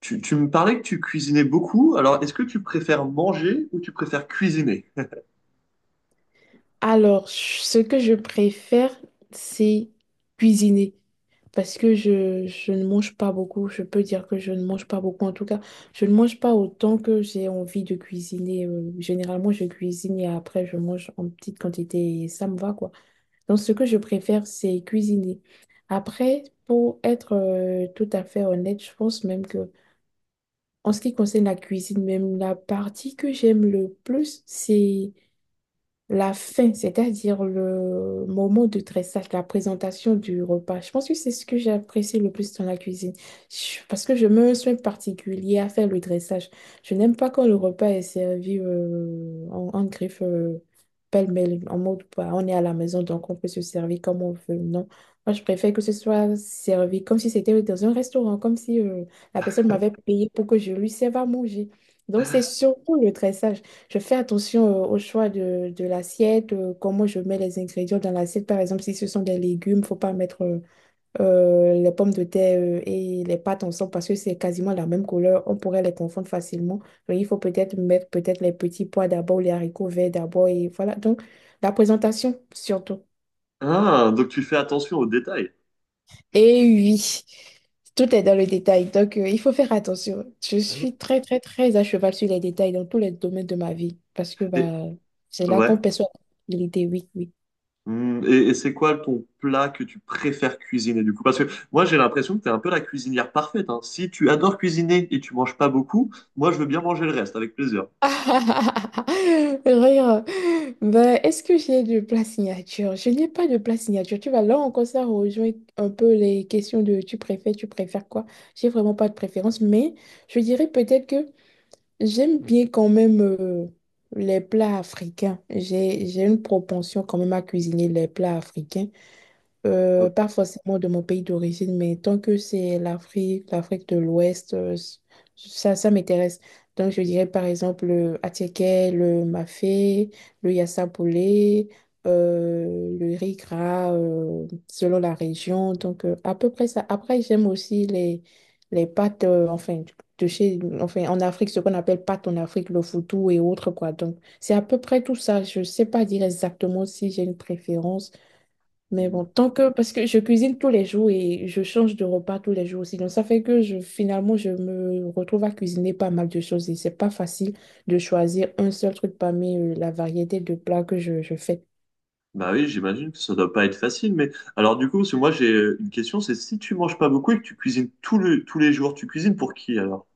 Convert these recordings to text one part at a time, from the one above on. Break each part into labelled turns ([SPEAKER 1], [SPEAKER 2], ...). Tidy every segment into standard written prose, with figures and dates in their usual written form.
[SPEAKER 1] Tu me parlais que tu cuisinais beaucoup, alors est-ce que tu préfères manger ou tu préfères cuisiner?
[SPEAKER 2] Alors, ce que je préfère, c'est cuisiner. Parce que je ne mange pas beaucoup. Je peux dire que je ne mange pas beaucoup. En tout cas, je ne mange pas autant que j'ai envie de cuisiner. Généralement, je cuisine et après, je mange en petite quantité et ça me va, quoi. Donc, ce que je préfère, c'est cuisiner. Après, pour être tout à fait honnête, je pense même que en ce qui concerne la cuisine, même la partie que j'aime le plus, c'est la fin, c'est-à-dire le moment de dressage, la présentation du repas. Je pense que c'est ce que j'ai apprécié le plus dans la cuisine. Parce que je me suis particulier à faire le dressage. Je n'aime pas quand le repas est servi en griffe pêle-mêle, en mode bah, on est à la maison donc on peut se servir comme on veut. Non, moi je préfère que ce soit servi comme si c'était dans un restaurant, comme si la personne m'avait payé pour que je lui serve à manger. Donc c'est surtout le dressage. Je fais attention au choix de l'assiette, comment je mets les ingrédients dans l'assiette. Par exemple, si ce sont des légumes, faut pas mettre les pommes de terre et les pâtes ensemble parce que c'est quasiment la même couleur. On pourrait les confondre facilement. Donc, il faut peut-être mettre peut-être les petits pois d'abord, les haricots verts d'abord et voilà. Donc, la présentation surtout.
[SPEAKER 1] Ah, donc tu fais attention aux détails.
[SPEAKER 2] Et oui, tout est dans le détail. Donc, il faut faire attention. Je suis très, très, très à cheval sur les détails dans tous les domaines de ma vie parce que
[SPEAKER 1] Et,
[SPEAKER 2] bah, c'est là
[SPEAKER 1] ouais.
[SPEAKER 2] qu'on perçoit l'idée. Oui, oui.
[SPEAKER 1] Hmm, et c'est quoi ton plat que tu préfères cuisiner du coup? Parce que moi j'ai l'impression que tu es un peu la cuisinière parfaite, hein. Si tu adores cuisiner et tu manges pas beaucoup, moi je veux bien manger le reste avec plaisir.
[SPEAKER 2] Rire. Ben, est-ce que j'ai du plat signature? Je n'ai pas de plat signature. Tu vas là encore, ça rejoint un peu les questions de tu préfères quoi? J'ai vraiment pas de préférence, mais je dirais peut-être que. J'aime bien quand même les plats africains. J'ai une propension quand même à cuisiner les plats africains.
[SPEAKER 1] Oh.
[SPEAKER 2] Pas forcément de mon pays d'origine, mais tant que c'est l'Afrique, l'Afrique de l'Ouest, ça, ça m'intéresse. Donc, je dirais par exemple le attiéké, le mafé, le yassapoulé, le riz gras, selon la région. Donc, à peu près ça. Après, j'aime aussi les pâtes, enfin, de chez, enfin, en Afrique, ce qu'on appelle pâtes en Afrique, le foutou et autres, quoi. Donc, c'est à peu près tout ça. Je sais pas dire exactement si j'ai une préférence. Mais bon, tant que, parce que je cuisine tous les jours et je change de repas tous les jours aussi. Donc, ça fait que je, finalement, je me retrouve à cuisiner pas mal de choses et c'est pas facile de choisir un seul truc parmi la variété de plats que je fais.
[SPEAKER 1] Bah oui, j'imagine que ça doit pas être facile, mais alors du coup, parce que moi j'ai une question, c'est si tu manges pas beaucoup et que tu cuisines tous les jours, tu cuisines pour qui alors?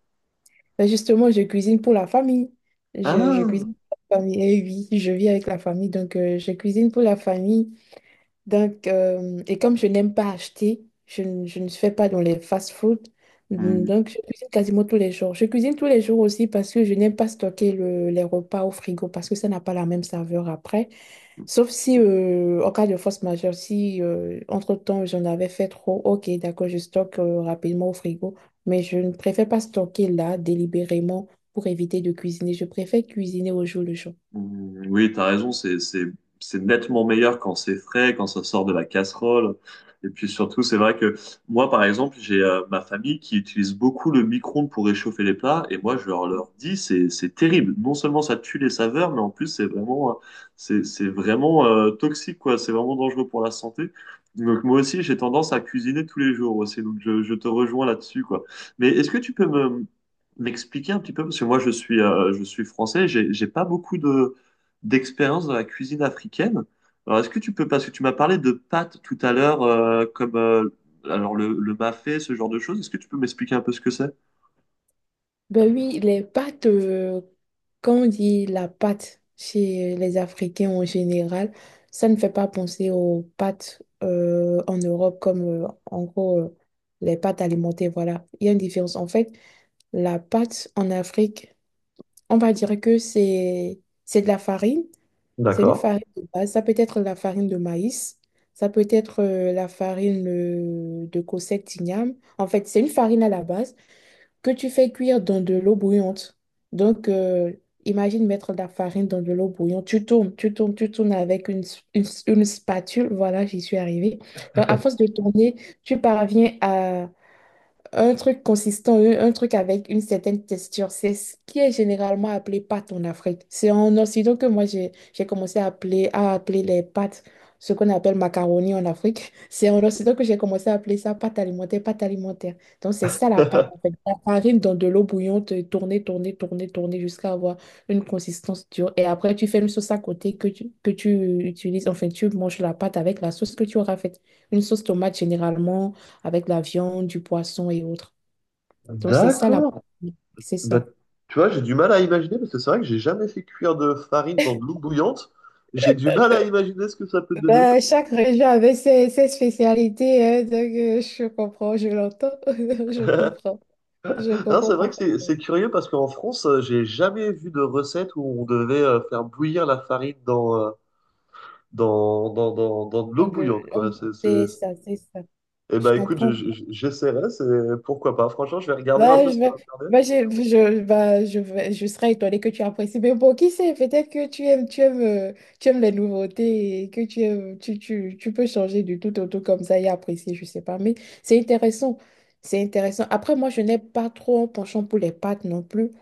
[SPEAKER 2] Mais justement, je cuisine pour la famille. Je
[SPEAKER 1] Ah!
[SPEAKER 2] cuisine pour la famille. Et oui, je vis avec la famille, donc je cuisine pour la famille. Donc, et comme je n'aime pas acheter, je ne fais pas dans les fast-food. Donc, je cuisine quasiment tous les jours. Je cuisine tous les jours aussi parce que je n'aime pas stocker les repas au frigo parce que ça n'a pas la même saveur après. Sauf si, en cas de force majeure, si entre-temps j'en avais fait trop, ok, d'accord, je stocke rapidement au frigo. Mais je ne préfère pas stocker là délibérément pour éviter de cuisiner. Je préfère cuisiner au jour le jour.
[SPEAKER 1] Mm, oui, t'as raison, c'est nettement meilleur quand c'est frais, quand ça sort de la casserole. Et puis surtout, c'est vrai que moi, par exemple, j'ai ma famille qui utilise beaucoup le micro-ondes pour réchauffer les plats. Et moi, je leur dis, c'est terrible. Non seulement ça tue les saveurs, mais en plus, c'est vraiment toxique, quoi. C'est vraiment dangereux pour la santé. Donc moi aussi, j'ai tendance à cuisiner tous les jours aussi. Donc je te rejoins là-dessus, quoi. Mais est-ce que tu peux me, M'expliquer un petit peu, parce que moi je suis français, j'ai pas beaucoup de d'expérience dans la cuisine africaine. Alors est-ce que tu peux, parce que tu m'as parlé de pâtes tout à l'heure, comme alors le mafé, ce genre de choses, est-ce que tu peux m'expliquer un peu ce que c'est?
[SPEAKER 2] Ben oui, les pâtes, quand on dit la pâte chez les Africains en général, ça ne fait pas penser aux pâtes en Europe comme en gros les pâtes alimentées, voilà. Il y a une différence. En fait, la pâte en Afrique, on va dire que c'est de la farine, c'est une farine de base. Ça peut être la farine de maïs, ça peut être la farine de cossette d'igname. En fait, c'est une farine à la base que tu fais cuire dans de l'eau bouillante. Donc, imagine mettre de la farine dans de l'eau bouillante. Tu tournes, tu tournes, tu tournes avec une spatule. Voilà, j'y suis arrivée. Donc, à force de tourner, tu parviens à un truc consistant, un truc avec une certaine texture, c'est ce qui est généralement appelé pâte en Afrique. C'est en Occident que moi j'ai commencé à à appeler les pâtes, ce qu'on appelle macaroni en Afrique. C'est en Occident que j'ai commencé à appeler ça pâte alimentaire, pâte alimentaire. Donc c'est ça la pâte en fait. La farine dans de l'eau bouillante, tourner, tourner, tourner, tourner jusqu'à avoir une consistance dure. Et après tu fais une sauce à côté que tu utilises, enfin tu manges la pâte avec la sauce que tu auras faite. Une sauce tomate généralement avec la viande, du poisson et autres. Donc, c'est ça la...
[SPEAKER 1] D'accord.
[SPEAKER 2] C'est
[SPEAKER 1] Bah,
[SPEAKER 2] ça.
[SPEAKER 1] tu vois, j'ai du mal à imaginer parce que c'est vrai que j'ai jamais fait cuire de farine dans de l'eau bouillante. J'ai du mal à imaginer ce que ça peut donner.
[SPEAKER 2] Ben, chaque région avait ses spécialités, hein, donc je comprends, je l'entends, je
[SPEAKER 1] Non,
[SPEAKER 2] comprends
[SPEAKER 1] c'est vrai que c'est
[SPEAKER 2] parfaitement.
[SPEAKER 1] c'est curieux parce qu'en France, j'ai jamais vu de recette où on devait faire bouillir la farine dans de l'eau
[SPEAKER 2] le-
[SPEAKER 1] bouillante, quoi.
[SPEAKER 2] le- C'est ça, c'est ça.
[SPEAKER 1] Eh
[SPEAKER 2] Je
[SPEAKER 1] ben, écoute,
[SPEAKER 2] comprends.
[SPEAKER 1] j'essaierai, c'est... pourquoi pas. Franchement, je vais regarder un
[SPEAKER 2] Bah,
[SPEAKER 1] peu
[SPEAKER 2] je,
[SPEAKER 1] sur
[SPEAKER 2] vais-
[SPEAKER 1] Internet.
[SPEAKER 2] bah, je, bah, je, vais- Je serais étonnée que tu apprécies. Mais bon, qui sait, peut-être que tu aimes les nouveautés et que tu aimes, tu peux changer du tout au tout comme ça et apprécier, je sais pas. Mais c'est intéressant. C'est intéressant. Après, moi, je n'ai pas trop un penchant pour les pâtes non plus.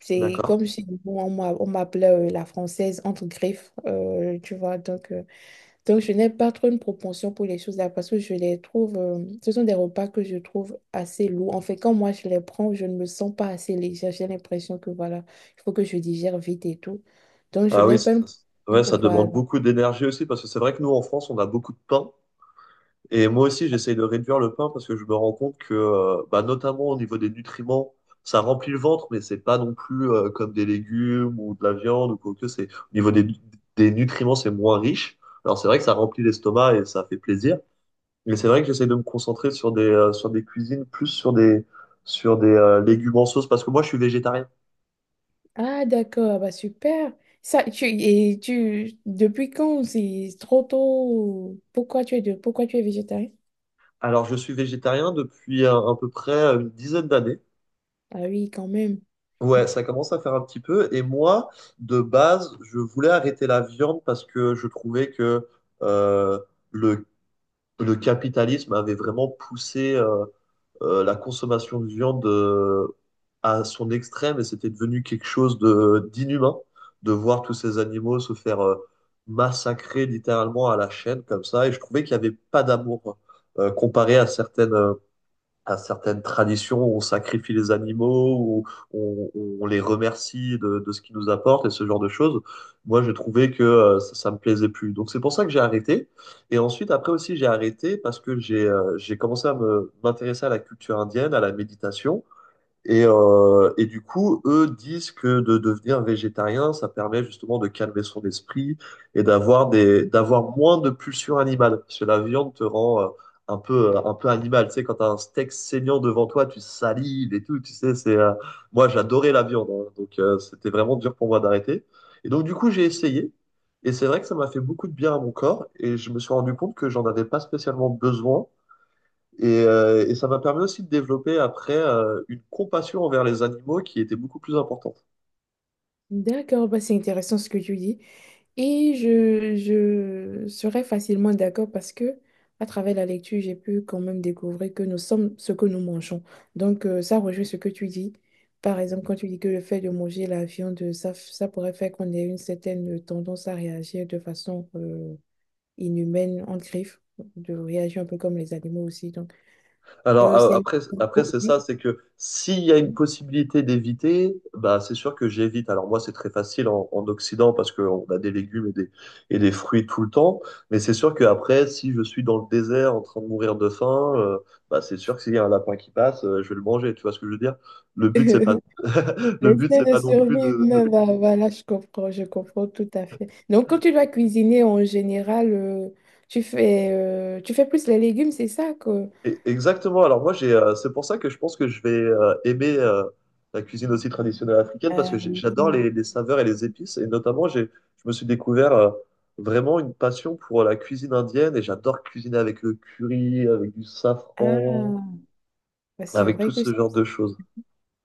[SPEAKER 2] C'est
[SPEAKER 1] D'accord.
[SPEAKER 2] comme si bon, on m'appelait la française entre griffes, tu vois. Donc, je n'ai pas trop une propension pour les choses-là parce que je les trouve, ce sont des repas que je trouve assez lourds. En fait, quand moi je les prends, je ne me sens pas assez légère. J'ai l'impression que voilà, il faut que je digère vite et tout. Donc, je
[SPEAKER 1] Ah oui,
[SPEAKER 2] n'ai pas une
[SPEAKER 1] ouais,
[SPEAKER 2] propension.
[SPEAKER 1] ça demande
[SPEAKER 2] Voilà.
[SPEAKER 1] beaucoup d'énergie aussi, parce que c'est vrai que nous, en France, on a beaucoup de pain. Et moi aussi, j'essaye de réduire le pain parce que je me rends compte que, bah, notamment au niveau des nutriments, ça remplit le ventre, mais c'est pas non plus comme des légumes ou de la viande ou quoi que c'est. Au niveau des nutriments, c'est moins riche. Alors c'est vrai que ça remplit l'estomac et ça fait plaisir. Mais c'est vrai que j'essaie de me concentrer sur des cuisines, plus sur des légumes en sauce, parce que moi, je suis végétarien.
[SPEAKER 2] Ah, d'accord. Ah, bah super. Ça, tu, depuis quand c'est trop tôt? Pourquoi pourquoi tu es végétarien?
[SPEAKER 1] Alors, je suis végétarien depuis à peu près une dizaine d'années.
[SPEAKER 2] Ah oui, quand même.
[SPEAKER 1] Ouais, ça commence à faire un petit peu. Et moi, de base, je voulais arrêter la viande parce que je trouvais que euh, le, le capitalisme avait vraiment poussé la consommation de viande à son extrême et c'était devenu quelque chose de d'inhumain de voir tous ces animaux se faire massacrer littéralement à la chaîne comme ça. Et je trouvais qu'il n'y avait pas d'amour comparé à à certaines traditions où on sacrifie les animaux, où on, on les remercie de ce qu'ils nous apportent et ce genre de choses. Moi, j'ai trouvé que ça, ça me plaisait plus. Donc, c'est pour ça que j'ai arrêté. Et ensuite, après aussi, j'ai arrêté parce que j'ai commencé à me m'intéresser à la culture indienne, à la méditation. Et du coup, eux disent que de devenir végétarien, ça permet justement de calmer son esprit et d'avoir des, d'avoir moins de pulsions animales. Parce que la viande te rend un peu animal. Tu sais, quand t'as un steak saignant devant toi, tu salives et tout. Tu sais, moi, j'adorais la viande, hein. Donc, c'était vraiment dur pour moi d'arrêter. Et donc, du coup, j'ai essayé. Et c'est vrai que ça m'a fait beaucoup de bien à mon corps. Et je me suis rendu compte que j'en avais pas spécialement besoin et ça m'a permis aussi de développer après une compassion envers les animaux qui était beaucoup plus importante.
[SPEAKER 2] D'accord, bah c'est intéressant ce que tu dis. Et je serais facilement d'accord parce que à travers la lecture, j'ai pu quand même découvrir que nous sommes ce que nous mangeons. Donc, ça rejoint ce que tu dis. Par exemple, quand tu dis que le fait de manger la viande, ça pourrait faire qu'on ait une certaine tendance à réagir de façon inhumaine, en griffe, de réagir un peu comme les animaux aussi. Donc,
[SPEAKER 1] Alors
[SPEAKER 2] c'est...
[SPEAKER 1] après, après c'est
[SPEAKER 2] Oui.
[SPEAKER 1] ça, c'est que s'il y a une possibilité d'éviter, bah c'est sûr que j'évite. Alors moi c'est très facile en Occident parce qu'on a des légumes et des fruits tout le temps, mais c'est sûr qu'après si je suis dans le désert en train de mourir de faim, bah c'est sûr que s'il y a un lapin qui passe, je vais le manger. Tu vois ce que je veux dire? Le but c'est pas, le but
[SPEAKER 2] L'essai
[SPEAKER 1] c'est
[SPEAKER 2] de
[SPEAKER 1] pas non plus
[SPEAKER 2] survivre
[SPEAKER 1] de...
[SPEAKER 2] humaine, bah, voilà, je comprends tout à fait. Donc, quand tu dois cuisiner en général, tu fais plus les légumes, c'est ça que...
[SPEAKER 1] Et... exactement. Alors moi, c'est pour ça que je pense que je vais aimer la cuisine aussi traditionnelle africaine parce
[SPEAKER 2] Euh,
[SPEAKER 1] que j'adore
[SPEAKER 2] oui.
[SPEAKER 1] les saveurs et les épices. Et notamment, j'ai, je me suis découvert vraiment une passion pour la cuisine indienne et j'adore cuisiner avec le curry, avec du safran,
[SPEAKER 2] Ah, bah,
[SPEAKER 1] avec tout ce genre de choses.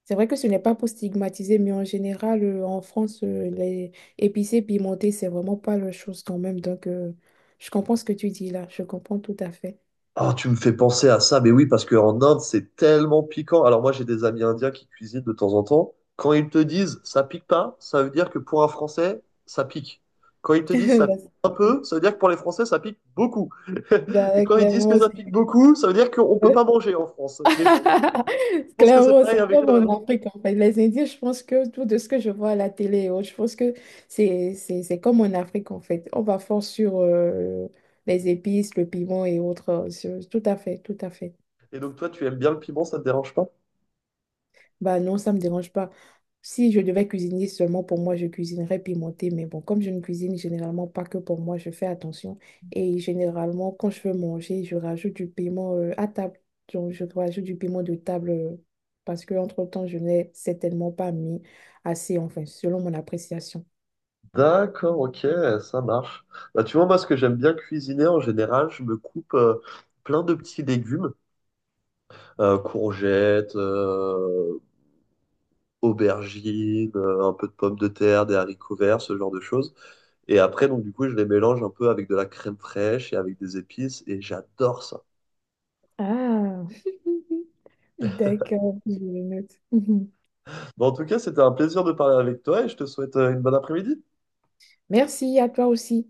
[SPEAKER 2] c'est vrai que ce n'est pas pour stigmatiser, mais en général, en France, les épicés pimentés, c'est vraiment pas la chose quand même. Donc, je comprends ce que tu dis là, je comprends tout à fait.
[SPEAKER 1] Ah, tu me fais penser à ça, mais oui, parce qu'en Inde, c'est tellement piquant. Alors moi, j'ai des amis indiens qui cuisinent de temps en temps. Quand ils te disent ça pique pas, ça veut dire que pour un Français, ça pique. Quand ils te disent ça pique
[SPEAKER 2] Bah,
[SPEAKER 1] un peu,
[SPEAKER 2] c'est-
[SPEAKER 1] ça veut dire que pour les Français, ça pique beaucoup. Et quand ils disent que
[SPEAKER 2] Clairement,
[SPEAKER 1] ça
[SPEAKER 2] c'est
[SPEAKER 1] pique beaucoup, ça veut dire qu'on ne peut pas manger en France. Mais je pense que c'est
[SPEAKER 2] clairement,
[SPEAKER 1] pareil
[SPEAKER 2] c'est
[SPEAKER 1] avec
[SPEAKER 2] comme
[SPEAKER 1] toi, non?
[SPEAKER 2] en Afrique, en fait. Les Indiens, je pense que tout de ce que je vois à la télé, oh, je pense que c'est comme en Afrique, en fait. On va fort sur les épices, le piment et autres. Tout à fait, tout à fait.
[SPEAKER 1] Et donc toi, tu aimes bien le piment, ça te dérange pas?
[SPEAKER 2] Bah non, ça me dérange pas. Si je devais cuisiner seulement pour moi, je cuisinerais pimenté. Mais bon, comme je ne cuisine généralement pas que pour moi, je fais attention. Et généralement, quand je veux manger, je rajoute du piment à table. Donc, je rajoute du piment de table parce que entre-temps, je n'ai certainement pas mis assez, enfin, selon mon appréciation.
[SPEAKER 1] D'accord, ok, ça marche. Bah, tu vois, moi, ce que j'aime bien cuisiner en général, je me coupe plein de petits légumes: courgettes, aubergines, un peu de pommes de terre, des haricots verts, ce genre de choses. Et après, donc du coup, je les mélange un peu avec de la crème fraîche et avec des épices, et j'adore ça.
[SPEAKER 2] Ah, d'accord, je le note. Mhm.
[SPEAKER 1] Bon, en tout cas, c'était un plaisir de parler avec toi, et je te souhaite une bonne après-midi.
[SPEAKER 2] Merci à toi aussi.